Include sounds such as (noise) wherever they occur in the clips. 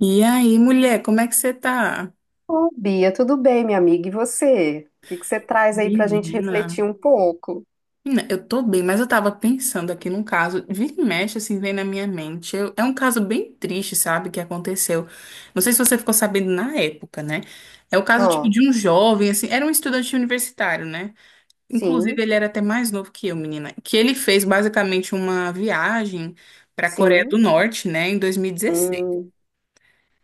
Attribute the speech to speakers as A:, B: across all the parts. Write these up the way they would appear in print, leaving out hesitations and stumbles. A: E aí, mulher, como é que você tá?
B: Ô, Bia, tudo bem, minha amiga? E você? O que que você traz aí pra gente
A: Menina.
B: refletir um pouco?
A: Menina, eu tô bem, mas eu tava pensando aqui num caso, vira e mexe, assim, vem na minha mente. É um caso bem triste, sabe, que aconteceu. Não sei se você ficou sabendo na época, né? É o caso, tipo,
B: Ó,
A: de um jovem, assim, era um estudante universitário, né? Inclusive,
B: sim,
A: ele era até mais novo que eu, menina. Que ele fez, basicamente, uma viagem pra Coreia do
B: sim,
A: Norte, né, em 2016.
B: hum,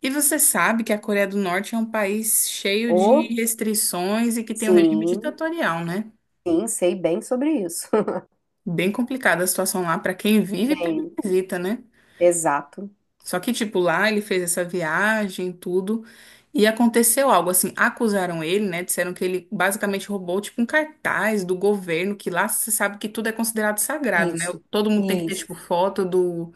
A: E você sabe que a Coreia do Norte é um país cheio de
B: ô,
A: restrições e que tem um regime
B: sim,
A: ditatorial, né?
B: sim, sei bem sobre isso. (laughs)
A: Bem complicada a situação lá para quem vive e para quem
B: Bem,
A: visita, né?
B: exato.
A: Só que, tipo, lá ele fez essa viagem, tudo, e aconteceu algo assim. Acusaram ele, né? Disseram que ele basicamente roubou, tipo, um cartaz do governo, que lá você sabe que tudo é considerado sagrado, né?
B: Isso,
A: Todo mundo tem que ter,
B: isso,
A: tipo, foto do,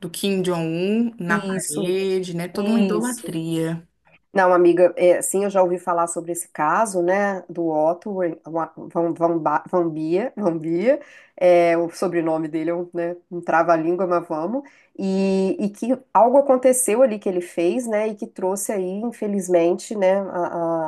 A: do Kim Jong-un na
B: isso,
A: parede, né? Toda uma
B: isso.
A: idolatria.
B: Não, amiga, é, sim, eu já ouvi falar sobre esse caso, né, do Otto Van Bia, (laughs) Van Bia, é, o sobrenome dele é um, né, um trava-língua, mas vamos, e que algo aconteceu ali que ele fez, né, e que trouxe aí, infelizmente, né, a,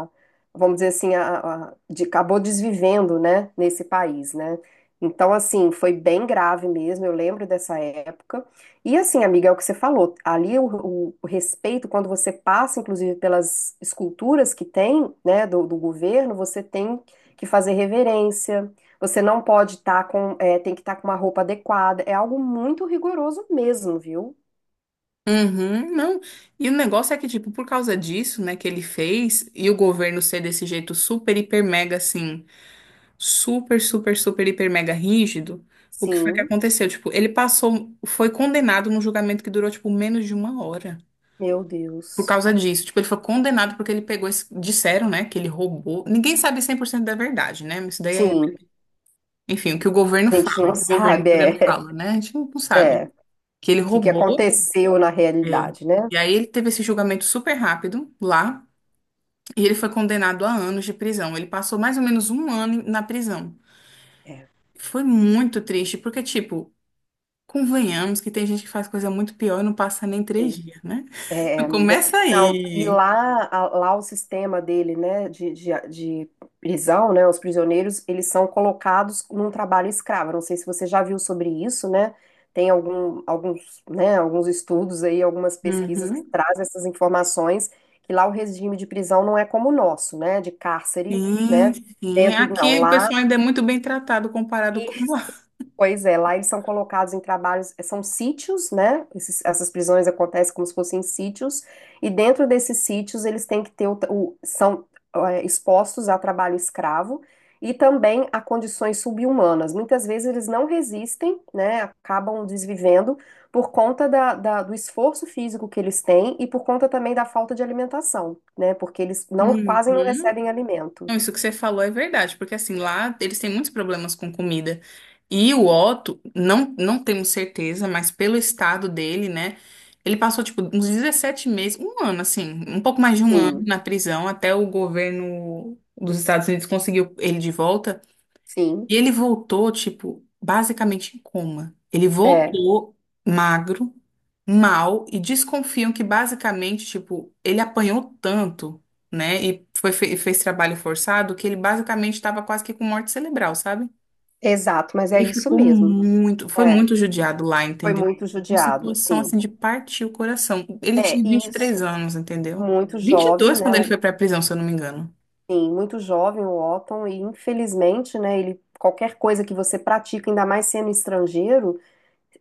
B: a- vamos dizer assim, acabou desvivendo, né, nesse país, né, então, assim, foi bem grave mesmo, eu lembro dessa época, e assim, amiga, é o que você falou. Ali o respeito, quando você passa, inclusive, pelas esculturas que tem, né, do, do governo, você tem que fazer reverência. Você não pode estar com, tem que estar com uma roupa adequada. É algo muito rigoroso mesmo, viu?
A: Uhum, não. E o negócio é que, tipo, por causa disso, né, que ele fez, e o governo ser desse jeito super, hiper, mega, assim, super, super, super, hiper, mega rígido, o que foi que
B: Sim,
A: aconteceu? Tipo, ele passou, foi condenado num julgamento que durou, tipo, menos de uma hora.
B: meu
A: Por
B: Deus.
A: causa disso. Tipo, ele foi condenado porque ele pegou, disseram, né, que ele roubou. Ninguém sabe 100% da verdade, né? Mas isso daí é,
B: Sim,
A: enfim, o que o governo
B: a gente
A: fala,
B: não
A: o governo
B: sabe,
A: coreano fala, né? A gente não sabe.
B: o
A: Que ele
B: que que
A: roubou.
B: aconteceu na
A: É.
B: realidade, né?
A: E aí ele teve esse julgamento super rápido lá e ele foi condenado a anos de prisão. Ele passou mais ou menos um ano na prisão. Foi muito triste, porque, tipo, convenhamos que tem gente que faz coisa muito pior e não passa nem três
B: É.
A: dias, né?
B: É,
A: (laughs)
B: amiga.
A: Começa
B: Não, e
A: aí.
B: lá, o sistema dele, né, de prisão, né, os prisioneiros, eles são colocados num trabalho escravo. Não sei se você já viu sobre isso, né? Tem algum, alguns, né, alguns estudos aí, algumas pesquisas que
A: Uhum.
B: trazem essas informações, que lá o regime de prisão não é como o nosso, né, de cárcere,
A: Sim,
B: né,
A: sim.
B: dentro, não,
A: Aqui o
B: lá
A: pessoal ainda é muito bem tratado comparado com lá.
B: pois é, lá eles são colocados em trabalhos, são sítios, né? Essas prisões acontecem como se fossem sítios, e dentro desses sítios eles têm que ter são é, expostos a trabalho escravo e também a condições subhumanas. Muitas vezes eles não resistem, né? Acabam desvivendo por conta do esforço físico que eles têm e por conta também da falta de alimentação, né? Porque eles não quase não recebem alimento.
A: Não, isso que você falou é verdade, porque assim, lá eles têm muitos problemas com comida. E o Otto, não, não temos certeza, mas pelo estado dele, né? Ele passou, tipo, uns 17 meses, um ano, assim, um pouco mais de um ano
B: Sim,
A: na prisão, até o governo dos Estados Unidos conseguiu ele de volta.
B: sim,
A: E ele voltou, tipo, basicamente em coma. Ele
B: é,
A: voltou magro, mal, e desconfiam que basicamente, tipo, ele apanhou tanto, né? E foi, fez trabalho forçado, que ele basicamente estava quase que com morte cerebral, sabe?
B: exato, mas é
A: Ele
B: isso
A: ficou
B: mesmo.
A: muito, foi muito judiado lá,
B: Foi
A: entendeu?
B: muito
A: Uma
B: judiado,
A: situação assim
B: sim.
A: de partir o coração. Ele
B: É,
A: tinha 23
B: isso,
A: anos, entendeu?
B: muito
A: Vinte e
B: jovem,
A: dois quando
B: né?
A: ele foi pra prisão, se eu não me engano.
B: Sim, muito jovem o Otton, e infelizmente, né, ele, qualquer coisa que você pratica, ainda mais sendo estrangeiro,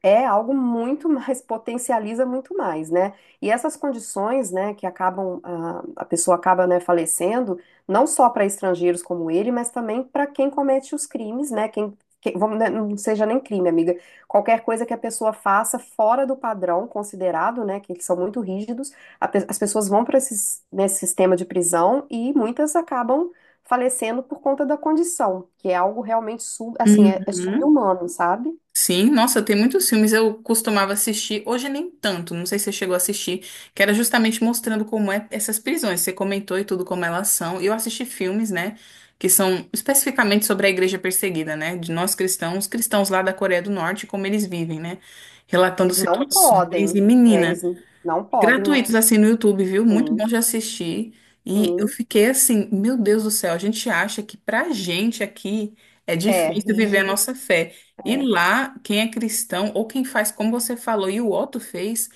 B: é algo muito mais, (laughs) potencializa muito mais, né? E essas condições, né, que acabam, a pessoa acaba, né, falecendo, não só para estrangeiros como ele, mas também para quem comete os crimes, né? Vamos, né, não seja nem crime, amiga. Qualquer coisa que a pessoa faça fora do padrão considerado, né, que eles são muito rígidos, as pessoas vão para esse sistema de prisão e muitas acabam falecendo por conta da condição, que é algo realmente, assim,
A: Uhum.
B: sobre-humano, sabe?
A: Sim, nossa, tem muitos filmes eu costumava assistir, hoje nem tanto, não sei se você chegou a assistir, que era justamente mostrando como é essas prisões, você comentou e tudo como elas são. E eu assisti filmes, né, que são especificamente sobre a igreja perseguida, né, de nós cristãos, cristãos lá da Coreia do Norte, como eles vivem, né, relatando
B: Eles não
A: situações.
B: podem,
A: E menina,
B: eles não podem,
A: gratuitos assim no YouTube, viu? Muito bom
B: sim,
A: de assistir. E eu
B: sim,
A: fiquei assim, meu Deus do céu, a gente acha que pra gente aqui é
B: é
A: difícil viver a
B: rígido,
A: nossa fé. E lá, quem é cristão ou quem faz como você falou e o Otto fez,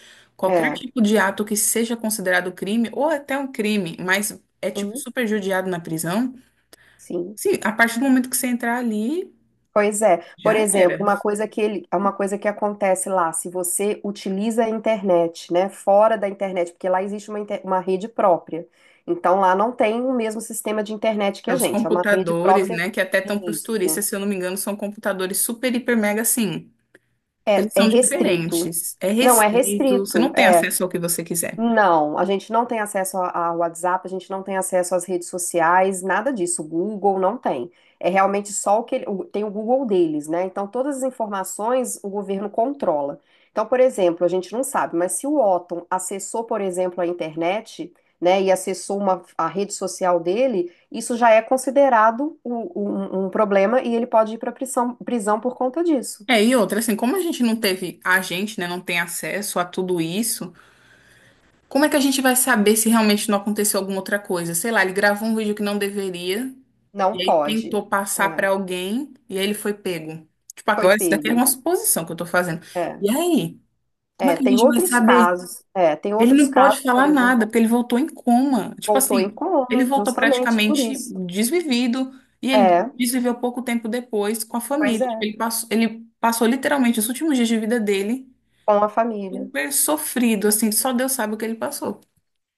B: é,
A: qualquer
B: é,
A: tipo de ato que seja considerado crime ou até um crime, mas é tipo
B: sim,
A: super judiado na prisão.
B: sim.
A: Sim, a partir do momento que você entrar ali,
B: Pois é, por
A: já
B: exemplo,
A: era.
B: uma coisa que ele, uma coisa que acontece lá, se você utiliza a internet, né, fora da internet, porque lá existe uma rede própria. Então lá não tem o mesmo sistema de internet que a
A: Os
B: gente, é uma rede
A: computadores,
B: própria.
A: né, que até estão para os
B: Isso.
A: turistas, se eu não me engano, são computadores super, hiper, mega assim.
B: É,
A: Eles
B: é
A: são
B: restrito.
A: diferentes, é
B: Não é
A: restrito, você
B: restrito.
A: não tem acesso ao que você quiser.
B: Não, a gente não tem acesso a WhatsApp, a gente não tem acesso às redes sociais, nada disso. O Google não tem. É realmente só o que ele- o- tem o Google deles, né? Então todas as informações o governo controla. Então, por exemplo, a gente não sabe, mas se o Otton acessou, por exemplo, a internet, né, e acessou uma, a rede social dele, isso já é considerado um problema e ele pode ir para prisão, por conta disso.
A: É, e outra, assim, como a gente não teve, a gente, né, não tem acesso a tudo isso, como é que a gente vai saber se realmente não aconteceu alguma outra coisa? Sei lá, ele gravou um vídeo que não deveria,
B: Não
A: e aí
B: pode.
A: tentou passar
B: É,
A: pra alguém, e aí ele foi pego. Tipo,
B: foi
A: agora isso daqui é
B: pego.
A: uma suposição que eu tô fazendo.
B: É.
A: E aí, como é
B: É,
A: que a
B: tem
A: gente vai
B: outros
A: saber.
B: casos,
A: Ele não pode
B: por
A: falar
B: exemplo,
A: nada, porque ele voltou em coma. Tipo
B: voltou em
A: assim, ele
B: coma,
A: voltou
B: justamente por
A: praticamente
B: isso.
A: desvivido e ele
B: É,
A: desviveu pouco tempo depois com a
B: pois
A: família.
B: é,
A: Tipo, ele passou literalmente os últimos dias de vida dele
B: com a família.
A: super sofrido, assim, só Deus sabe o que ele passou.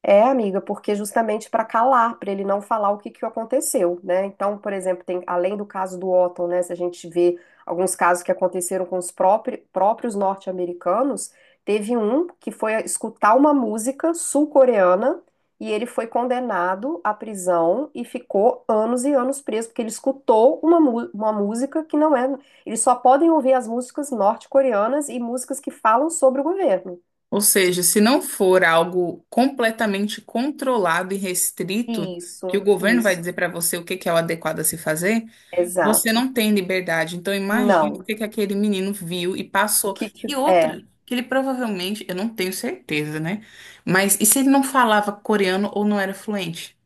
B: É, amiga, porque justamente para calar, para ele não falar o que que aconteceu, né? Então, por exemplo, tem além do caso do Otton, né? Se a gente vê alguns casos que aconteceram com os próprios norte-americanos, teve um que foi escutar uma música sul-coreana e ele foi condenado à prisão e ficou anos e anos preso, porque ele escutou uma música que não é. Eles só podem ouvir as músicas norte-coreanas e músicas que falam sobre o governo.
A: Ou seja, se não for algo completamente controlado e restrito, que o
B: Isso,
A: governo vai dizer
B: isso,
A: para você o que que é o adequado a se fazer, você
B: exato.
A: não tem liberdade. Então, imagine o
B: Não.
A: que que aquele menino viu e
B: O
A: passou.
B: que que?
A: E outra,
B: É.
A: que ele provavelmente, eu não tenho certeza, né? Mas e se ele não falava coreano ou não era fluente?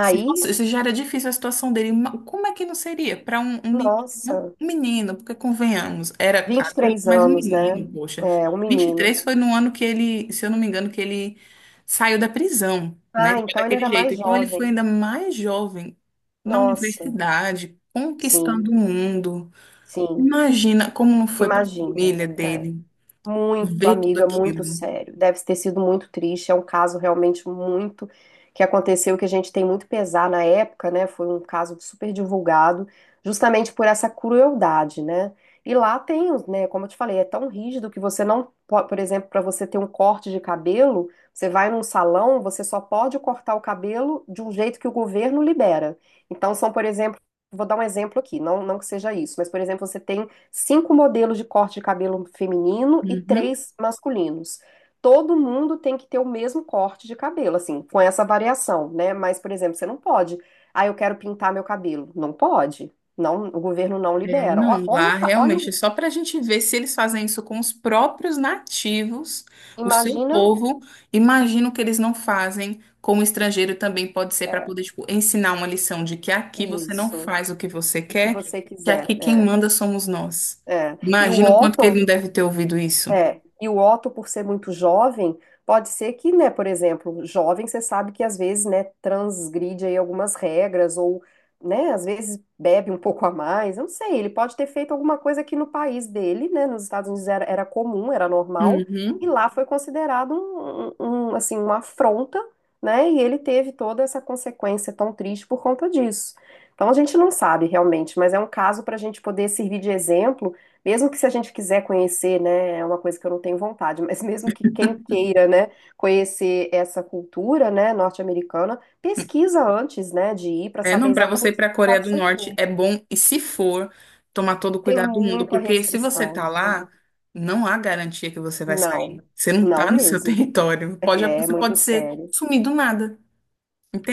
A: Se fosse- se já era difícil a situação dele, como é que não seria para um, menino?
B: nossa,
A: Um menino, porque convenhamos, era
B: vinte e
A: adulto,
B: três
A: mas um
B: anos, né?
A: menino, poxa.
B: É, um
A: Vinte e
B: menino.
A: três foi no ano que ele, se eu não me engano, que ele saiu da prisão, né?
B: Ah,
A: Ele foi
B: então ele
A: daquele
B: era
A: jeito.
B: mais
A: Então ele foi
B: jovem.
A: ainda mais jovem na
B: Nossa,
A: universidade,
B: sim,
A: conquistando o mundo.
B: sim.
A: Imagina como não foi para a
B: Imagina.
A: família
B: É.
A: dele
B: Muito,
A: ver tudo
B: amiga, muito
A: aquilo.
B: sério. Deve ter sido muito triste. É um caso realmente muito que aconteceu, que a gente tem muito pesar na época, né? Foi um caso super divulgado, justamente por essa crueldade, né? E lá tem, os, né? Como eu te falei, é tão rígido que você não pode, por exemplo, para você ter um corte de cabelo, você vai num salão, você só pode cortar o cabelo de um jeito que o governo libera. Então, são, por exemplo, vou dar um exemplo aqui, não, não que seja isso, mas, por exemplo, você tem cinco modelos de corte de cabelo feminino e
A: Uhum.
B: três masculinos. Todo mundo tem que ter o mesmo corte de cabelo, assim, com essa variação, né? Mas, por exemplo, você não pode. Ah, eu quero pintar meu cabelo. Não pode. Não, o governo não
A: É,
B: libera.
A: não,
B: Olha,
A: lá
B: olha,
A: realmente é só para a gente ver se eles fazem isso com os próprios nativos, o seu
B: imagina,
A: povo. Imagino que eles não fazem com o estrangeiro também, pode ser para
B: é,
A: poder, tipo, ensinar uma lição de que aqui você não
B: isso,
A: faz o que você
B: o que
A: quer,
B: você
A: que
B: quiser.
A: aqui quem
B: É,
A: manda somos nós.
B: é. E o
A: Imagino o quanto que ele não
B: Walton.
A: deve ter ouvido isso.
B: É, e o Otto, por ser muito jovem, pode ser que, né, por exemplo, jovem, você sabe que às vezes, né, transgride aí algumas regras ou, né, às vezes bebe um pouco a mais, eu não sei, ele pode ter feito alguma coisa que no país dele, né, nos Estados Unidos era, comum, era normal, e
A: Uhum.
B: lá foi considerado assim, uma afronta, né, e ele teve toda essa consequência tão triste por conta disso. Então a gente não sabe realmente, mas é um caso para a gente poder servir de exemplo mesmo que se a gente quiser conhecer, né, é uma coisa que eu não tenho vontade, mas mesmo que quem queira, né, conhecer essa cultura, né, norte-americana, pesquisa antes, né, de ir para
A: É,
B: saber
A: não, para você ir
B: exatamente
A: para a
B: o que
A: Coreia
B: pode
A: do
B: ser
A: Norte é
B: feito.
A: bom, e se for, tomar todo o
B: Tem
A: cuidado do mundo,
B: muita
A: porque se você
B: restrição.
A: tá lá, não há garantia que você vai
B: Não,
A: sair. Você não
B: não
A: tá no seu (laughs)
B: mesmo.
A: território.
B: É
A: Você
B: muito
A: pode ser
B: sério.
A: sumido do nada,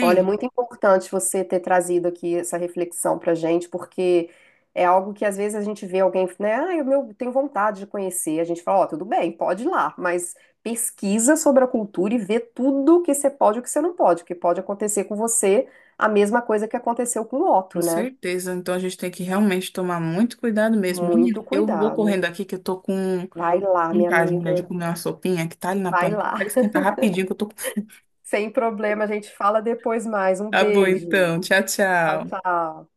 B: Olha, é muito importante você ter trazido aqui essa reflexão pra gente, porque é algo que às vezes a gente vê alguém, né? Ah, eu meu, tenho vontade de conhecer. A gente fala, ó, tudo bem, pode ir lá, mas pesquisa sobre a cultura e vê tudo que você pode e o que você não pode, porque pode acontecer com você a mesma coisa que aconteceu com o Otto,
A: Com
B: né?
A: certeza. Então a gente tem que realmente tomar muito cuidado mesmo. Menina,
B: Muito
A: eu vou
B: cuidado.
A: correndo aqui que eu tô com
B: Vai lá, minha
A: vontade, mulher, de
B: amiga,
A: comer uma sopinha que tá ali na
B: vai
A: panela. Quero
B: lá.
A: esquentar rapidinho que eu tô com.
B: (laughs) Sem problema, a gente fala depois mais. Um
A: Tá bom,
B: beijo.
A: então. Tchau,
B: Tchau,
A: tchau.
B: tchau.